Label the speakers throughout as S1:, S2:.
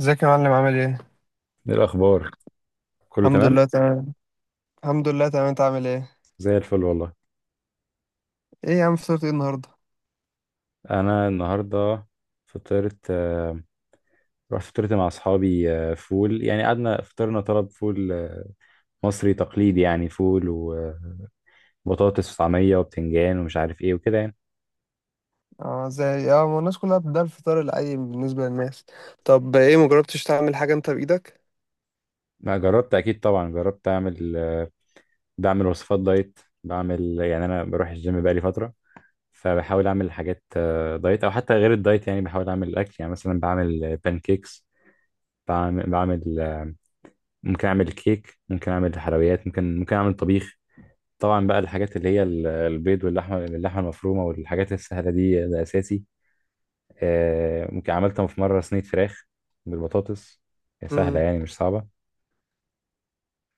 S1: ازيك يا معلم عامل ايه؟
S2: ايه الاخبار؟ كله
S1: الحمد
S2: تمام.
S1: لله تمام. الحمد لله تمام، انت عامل ايه؟
S2: زي الفل والله.
S1: ايه يا عم فطرت ايه النهارده؟
S2: انا النهارده فطرت، رحت فطرت مع اصحابي، فول يعني. قعدنا فطرنا، طلب فول، مصري تقليدي، يعني فول وبطاطس وطعميه وبتنجان ومش عارف ايه وكده يعني.
S1: اه ازاي؟ اه ما الناس كلها ده الفطار العادي بالنسبة للناس. طب ايه مجربتش تعمل حاجة انت بإيدك؟
S2: ما جربت، اكيد طبعا جربت اعمل، بعمل وصفات دايت. بعمل يعني، انا بروح الجيم بقالي فتره، فبحاول اعمل حاجات دايت او حتى غير الدايت يعني. بحاول اعمل الاكل يعني، مثلا بعمل بانكيكس، بعمل، ممكن اعمل كيك، ممكن اعمل حلويات، ممكن اعمل طبيخ. طبعا بقى الحاجات اللي هي البيض واللحمه المفرومه والحاجات السهله دي، ده اساسي. ممكن عملتها في مره، صينيه فراخ بالبطاطس. هي سهله
S1: امم،
S2: يعني، مش صعبه.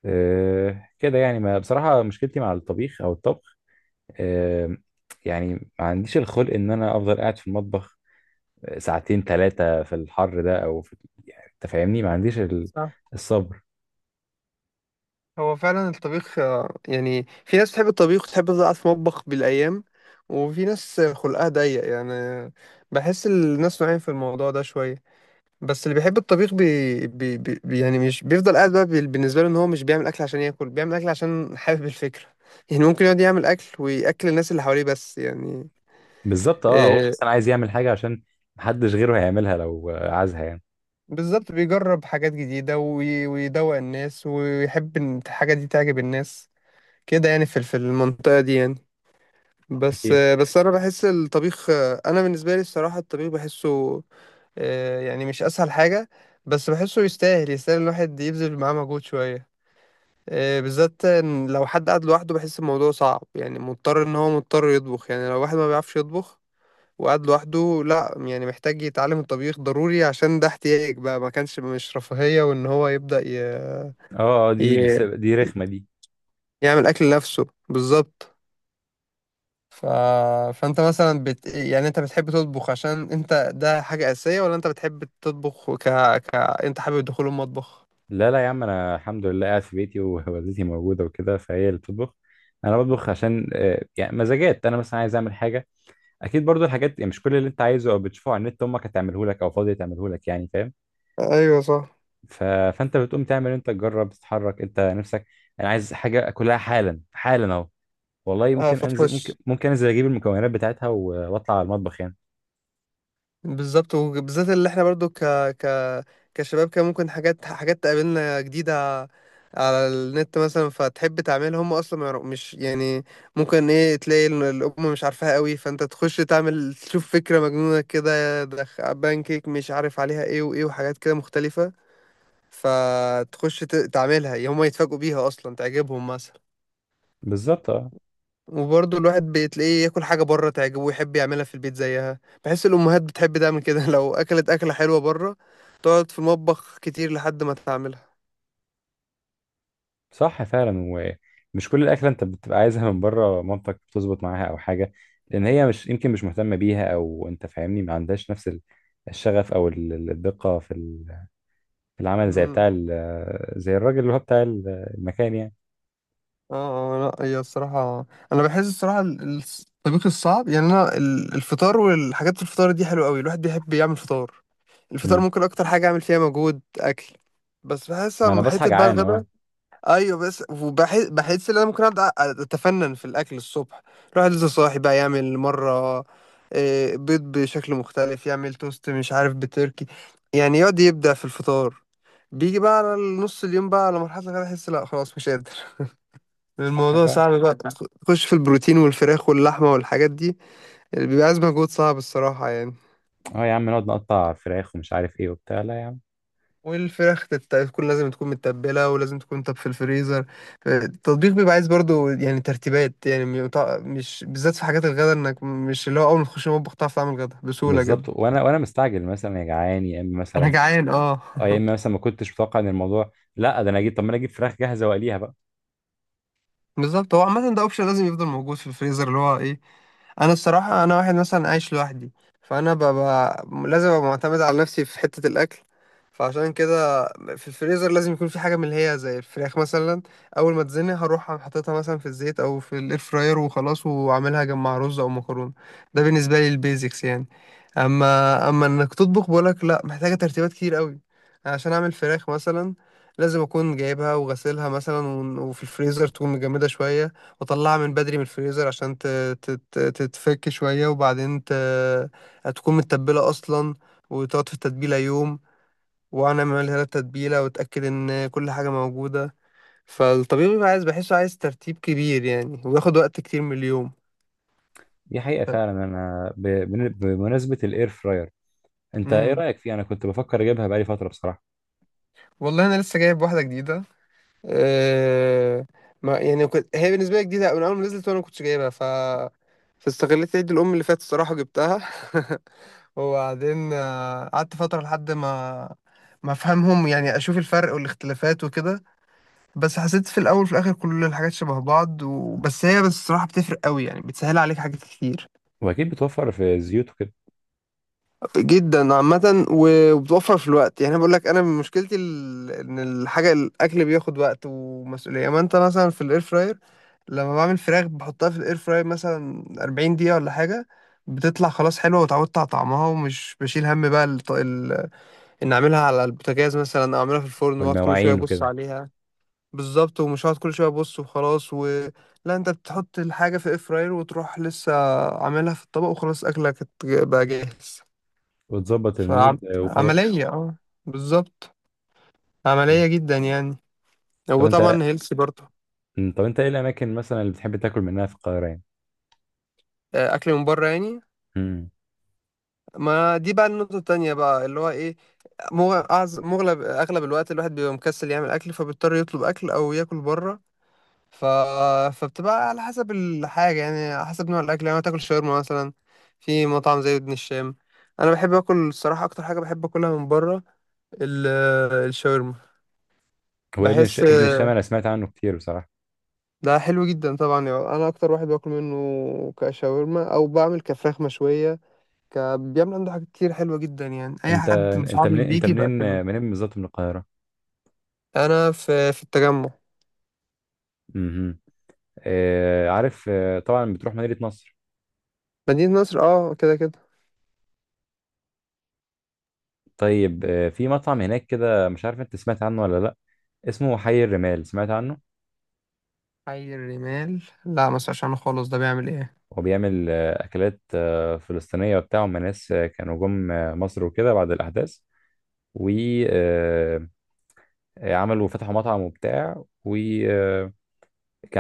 S2: كده يعني، ما بصراحه مشكلتي مع الطبيخ او الطبخ. آه، يعني ما عنديش الخلق ان انا افضل قاعد في المطبخ ساعتين ثلاثه في الحر ده او في. أنت فاهمني، ما عنديش
S1: صح.
S2: الصبر.
S1: هو فعلا الطبيخ يعني في ناس تحب الطبيخ وتحب تفضل قاعدة في مطبخ بالأيام، وفي ناس خلقها ضيق يعني. بحس الناس نوعين في الموضوع ده شوية. بس اللي بيحب الطبيخ يعني مش بيفضل قاعد بقى بالنسبة له ان هو مش بيعمل اكل عشان ياكل، بيعمل اكل عشان حابب الفكرة. يعني ممكن يقعد يعمل اكل وياكل الناس اللي حواليه بس يعني.
S2: بالظبط اه. هو
S1: إيه
S2: مثلا عايز يعمل حاجه عشان محدش غيره هيعملها لو عايزها يعني.
S1: بالظبط، بيجرب حاجات جديدة ويدوق الناس ويحب ان الحاجة دي تعجب الناس كده يعني، في في المنطقة دي يعني. بس
S2: اكيد.
S1: بس انا بحس الطبيخ. انا بالنسبة لي الصراحة الطبيخ بحسه يعني مش اسهل حاجة. بس بحسه يستاهل، يستاهل الواحد يبذل معاه مجهود شوية. بالذات إن لو حد قاعد لوحده بحس الموضوع صعب، يعني مضطر ان هو مضطر يطبخ. يعني لو واحد ما بيعرفش يطبخ وقاعد لوحده، لا يعني محتاج يتعلم الطبيخ ضروري، عشان ده احتياج بقى ما كانش مش رفاهية، وان هو يبدأ ي...
S2: دي رخمه دي.
S1: يعمل اكل لنفسه بالظبط. ف... فانت مثلا يعني انت بتحب تطبخ عشان انت ده حاجة أساسية، ولا انت بتحب تطبخ انت حابب دخول المطبخ؟
S2: لا لا يا عم، انا الحمد لله قاعد في بيتي ووالدتي موجوده وكده، فهي اللي بتطبخ. انا بطبخ عشان، يعني مزاجات. انا مثلا عايز اعمل حاجه. اكيد برضو، الحاجات يعني مش كل اللي انت عايزه او بتشوفه على النت امك هتعمله لك او فاضيه تعمله لك، يعني فاهم.
S1: ايوه صح.
S2: ف... فانت بتقوم تعمل انت، تجرب، تتحرك انت نفسك. انا عايز حاجه اكلها حالا حالا اهو. والله
S1: اه
S2: ممكن انزل، ممكن
S1: فتخش.
S2: ممكن انزل اجيب المكونات بتاعتها واطلع على المطبخ يعني.
S1: بالظبط، وبالذات اللي احنا برضو ك ك كشباب كان ممكن حاجات، حاجات تقابلنا جديدة على النت مثلا، فتحب تعملها هم اصلا ما يعرف- مش يعني، ممكن ايه تلاقي الام مش عارفاها قوي، فانت تخش تعمل تشوف فكرة مجنونة كده، بانكيك مش عارف عليها ايه وايه، وحاجات كده مختلفة. فتخش تعملها هم يتفاجئوا بيها اصلا تعجبهم مثلا.
S2: بالظبط اه.
S1: وبرضه الواحد بتلاقيه ياكل حاجة بره تعجبه، ويحب يعملها في البيت زيها. بحس الأمهات بتحب تعمل كده لو أكلت أكلة حلوة بره تقعد في المطبخ كتير لحد ما تعملها.
S2: صح فعلا. ومش كل الاكله انت بتبقى عايزها من بره مامتك بتظبط معاها او حاجه، لان هي مش يمكن مش مهتمه بيها، او انت فاهمني، ما عندهاش نفس الشغف، او الدقه في في العمل، زي
S1: امم.
S2: بتاع زي الراجل اللي هو بتاع المكان يعني.
S1: اه لا هي الصراحة، أنا بحس الصراحة الطبيخ الصعب، يعني أنا الفطار والحاجات، الفطار دي حلوة أوي، الواحد بيحب يعمل فطار. الفطار
S2: امم.
S1: ممكن أكتر حاجة أعمل فيها مجهود أكل. بس بحس
S2: ما انا
S1: أما
S2: بصحى
S1: حتة بقى
S2: جعان اه.
S1: الغدا. ايوه بس، وبحس ان انا ممكن ابدا اتفنن في الاكل الصبح، الواحد لسه صاحي بقى، يعمل مره بيض بشكل مختلف، يعمل توست مش عارف بتركي، يعني يقعد يبدع في الفطار. بيجي بقى على نص اليوم، بقى على مرحله كده احس لا خلاص مش قادر.
S2: صح
S1: الموضوع
S2: فعلا.
S1: صعب بقى. تخش في البروتين والفراخ واللحمه والحاجات دي اللي بيبقى عايز مجهود صعب الصراحه يعني.
S2: اه يا عم، نقعد نقطع فراخ ومش عارف ايه وبتاع، لا يا عم.
S1: والفراخ تكون لازم تكون متبلة، ولازم تكون طب في الفريزر. التطبيق بيبقى عايز برضو يعني ترتيبات يعني، مش بالذات في حاجات الغدا، انك مش اللي هو اول ما تخش المطبخ تعرف تعمل غدا بسهولة جدا.
S2: بالظبط. وانا مستعجل مثلا، يا جعان يا اما
S1: انا
S2: مثلا.
S1: جعان اه.
S2: اه، يا اما مثلا ما كنتش متوقع ان الموضوع، لا ده انا اجيب، طب ما انا اجيب فراخ جاهزه واقليها بقى.
S1: بالظبط، هو عامة ده اوبشن لازم يفضل موجود في الفريزر اللي هو ايه. انا الصراحة انا واحد مثلا عايش لوحدي، فانا ببقى لازم ابقى معتمد على نفسي في حتة الاكل. فعشان كده في الفريزر لازم يكون في حاجة من اللي هي زي الفراخ مثلا. اول ما تزني هروح أقوم حاططها مثلا في الزيت او في الاير فراير وخلاص، واعملها جنب رز او مكرونة. ده بالنسبة لي البيزكس يعني. اما انك تطبخ بقولك لا، محتاجة ترتيبات كتير قوي. عشان اعمل فراخ مثلا، لازم اكون جايبها وغسلها مثلا وفي الفريزر تكون مجمدة شوية، واطلعها من بدري من الفريزر عشان تتفك شوية، وبعدين تكون متبلة اصلا، وتقعد في التتبيلة يوم، وانا اعملها لها التتبيلة واتاكد ان كل حاجة موجودة. فالطبيب بيبقى عايز، بحسه عايز ترتيب كبير يعني، وياخد وقت كتير من اليوم.
S2: دي حقيقة فعلا. أنا بمناسبة الإير فراير، أنت إيه
S1: امم.
S2: رأيك فيه؟ أنا كنت بفكر أجيبها بقالي فترة بصراحة.
S1: والله انا لسه جايب واحدة جديدة آه، ما يعني كنت، هي بالنسبة لي جديدة من أول ما نزلت وأنا ما كنتش جايبها. فاستغليت عيد الأم اللي فات الصراحة جبتها. وبعدين قعدت فترة لحد ما ما أفهمهم يعني، أشوف الفرق والاختلافات وكده. بس حسيت في الأول وفي الآخر كل الحاجات شبه بعض، وبس هي بس الصراحة بتفرق قوي يعني، بتسهل عليك حاجات كتير
S2: وأكيد بتوفر في الزيوت وكده
S1: جدا عامة. وبتوفر في الوقت يعني. أنا بقول لك، انا بقولك أنا مشكلتي ان الحاجة الاكل بياخد وقت ومسؤولية، اما انت مثلا في الاير فراير لما بعمل فراخ بحطها في الاير فراير مثلا 40 دقيقة ولا حاجة، بتطلع خلاص حلوة، وتعودت على طعمها، ومش بشيل هم بقى ان اعملها على البوتاجاز مثلا او اعملها في الفرن واقعد كل شوية
S2: والمواعين
S1: ابص
S2: وكده،
S1: عليها. بالظبط، ومش هقعد كل شوية ابص وخلاص لا، انت بتحط الحاجة في الاير فراير وتروح، لسه عاملها في الطبق وخلاص اكلك بقى جاهز.
S2: وتظبط المود، وخلاص.
S1: فعملية اه، بالظبط،
S2: مم.
S1: عملية جدا يعني.
S2: طب أنت
S1: وطبعا هيلثي برضه.
S2: طب أنت إيه الأماكن مثلا اللي بتحب تاكل منها في القاهرة يعني؟
S1: أكل من بره يعني،
S2: مم.
S1: ما دي بقى النقطة التانية بقى اللي هو إيه. مغ- أعز- مغلب أغلب الوقت الواحد بيبقى مكسل يعمل أكل، فبيضطر يطلب أكل أو ياكل بره. ف... فبتبقى على حسب الحاجة يعني، على حسب نوع الأكل يعني. تاكل شاورما مثلا في مطعم زي ابن الشام. أنا بحب آكل الصراحة، أكتر حاجة بحب آكلها من بره ال- الشاورما.
S2: هو
S1: بحس
S2: ابن الشام، أنا سمعت عنه كتير بصراحة.
S1: ده حلو جدا طبعا يعني، انا اكتر واحد باكل منه كشاورما او بعمل كفراخ مشويه بيعمل عنده حاجات كتير حلوه جدا يعني، اي
S2: أنت
S1: حد مش
S2: أنت
S1: عارف
S2: منين أنت
S1: بيجي
S2: منين آه،
S1: باكله.
S2: منين بالظبط من القاهرة؟
S1: انا في في التجمع.
S2: مم. عارف، طبعا بتروح مدينة نصر.
S1: مدينه نصر اه، كده كده.
S2: طيب، في مطعم هناك كده، مش عارف أنت سمعت عنه ولا لأ. اسمه حي الرمال، سمعت عنه؟
S1: حي الرمال لا ما اسمعش عنه خالص، ده بيعمل ايه؟
S2: وبيعمل أكلات فلسطينية وبتاع. هم ناس كانوا جم مصر وكده بعد الأحداث. وعملوا، فتحوا مطعم وبتاع، وكان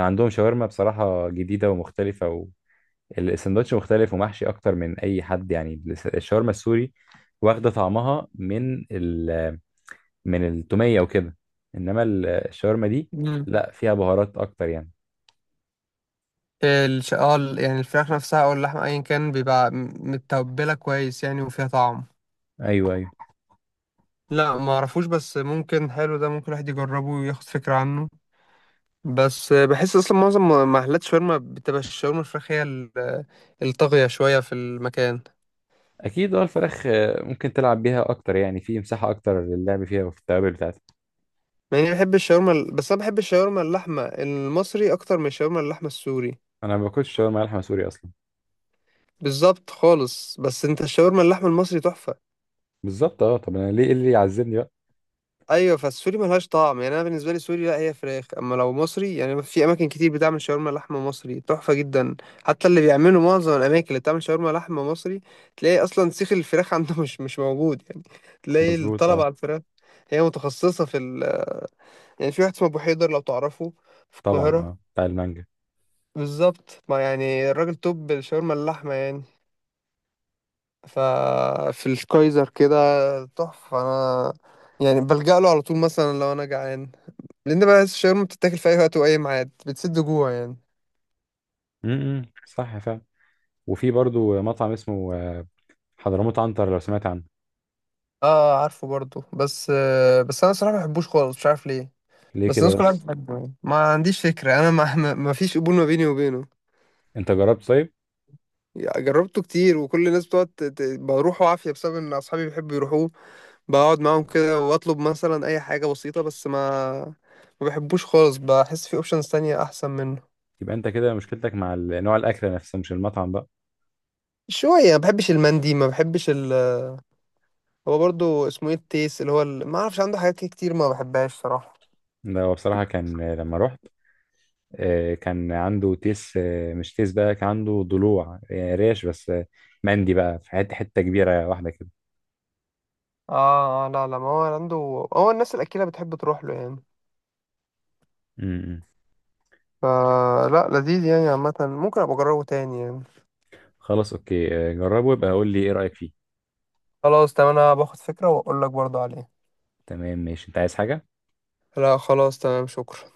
S2: عندهم شاورما بصراحة جديدة ومختلفة، والسندوتش مختلف ومحشي أكتر من أي حد. يعني الشاورما السوري واخدة طعمها من ال من التومية وكده. إنما الشاورما دي،
S1: امم.
S2: لا، فيها بهارات أكتر يعني.
S1: اه يعني الفراخ نفسها او اللحمه ايا كان بيبقى متبله كويس يعني، وفيها طعم.
S2: أيوه أيوه.
S1: لا ما اعرفوش، بس ممكن حلو، ده ممكن الواحد يجربه وياخد فكره عنه. بس بحس اصلا معظم محلات شاورما بتبقى الشاورما الفراخ هي الطاغية شوية في المكان.
S2: اكيد اه، الفراخ ممكن تلعب بيها اكتر يعني، في مساحه اكتر للعب فيها وفي التوابل بتاعتها.
S1: مع اني بحب الشاورما بس انا بحب الشاورما اللحمة المصري اكتر من الشاورما اللحمة السوري.
S2: انا ما باكلش شاورما لحمه سوري اصلا.
S1: بالظبط خالص، بس انت الشاورما اللحمة المصري تحفة.
S2: بالظبط اه. طب انا ليه، إيه اللي يعذبني بقى.
S1: ايوه، فالسوري ملهاش طعم يعني، انا بالنسبه لي سوري لا هي فراخ، اما لو مصري يعني في اماكن كتير بتعمل شاورما لحمه مصري تحفه جدا. حتى اللي بيعملوا معظم الاماكن اللي بتعمل شاورما لحمه مصري تلاقي اصلا سيخ الفراخ عنده مش موجود يعني، تلاقي
S2: مظبوط
S1: الطلب
S2: اه.
S1: على الفراخ، هي متخصصه في يعني في واحد اسمه ابو حيدر لو تعرفه، في
S2: طبعا
S1: القاهره.
S2: اه، بتاع المانجا.
S1: بالظبط، ما يعني الراجل توب الشاورما اللحمه يعني. ففي الكايزر كده تحفه. انا يعني بلجأ له على طول مثلا لو انا جعان، لان بقى الشاورما بتتاكل في اي وقت واي ميعاد، بتسد جوع يعني.
S2: امم، صح فعلا. وفي برضو مطعم اسمه، حضرموت عنتر، لو سمعت عنه.
S1: اه عارفه برضو، بس آه بس انا صراحه ما بحبوش خالص، مش عارف ليه.
S2: ليه
S1: بس
S2: كده
S1: الناس كلها
S2: بس؟
S1: بتحبه يعني، ما عنديش فكره، انا ما فيش قبول ما بيني وبينه.
S2: انت جربت طيب.
S1: جربته كتير، وكل الناس بتقعد بروحه عافيه، بسبب ان اصحابي بيحبوا يروحوه، بقعد معاهم كده واطلب مثلا اي حاجه بسيطه، بس ما بحبوش خالص، بحس في اوبشنز تانية احسن منه.
S2: يبقى انت كده مشكلتك مع نوع الاكل نفسه، مش المطعم بقى.
S1: شويه ما بحبش المندي، ما بحبش هو برضو اسمه ايه التيس، اللي هو ما اعرفش عنده حاجات كتير ما بحبهاش صراحه.
S2: ده هو بصراحه كان، لما رحت، كان عنده تيس، مش تيس بقى، كان عنده ضلوع، ريش بس، مندي بقى في حتة كبيرة واحدة كده.
S1: اه لا لا، ما هو عنده، هو الناس الأكيلة بتحب تروح له يعني.
S2: م- م.
S1: فلا لذيذ يعني عامة، ممكن أبقى أجربه تاني يعني.
S2: خلاص اوكي. جربه يبقى قول لي ايه رأيك فيه.
S1: خلاص تمام، أنا باخد فكرة وأقول لك برضه عليه.
S2: تمام ماشي. انت عايز حاجة؟
S1: لا خلاص تمام، شكرا.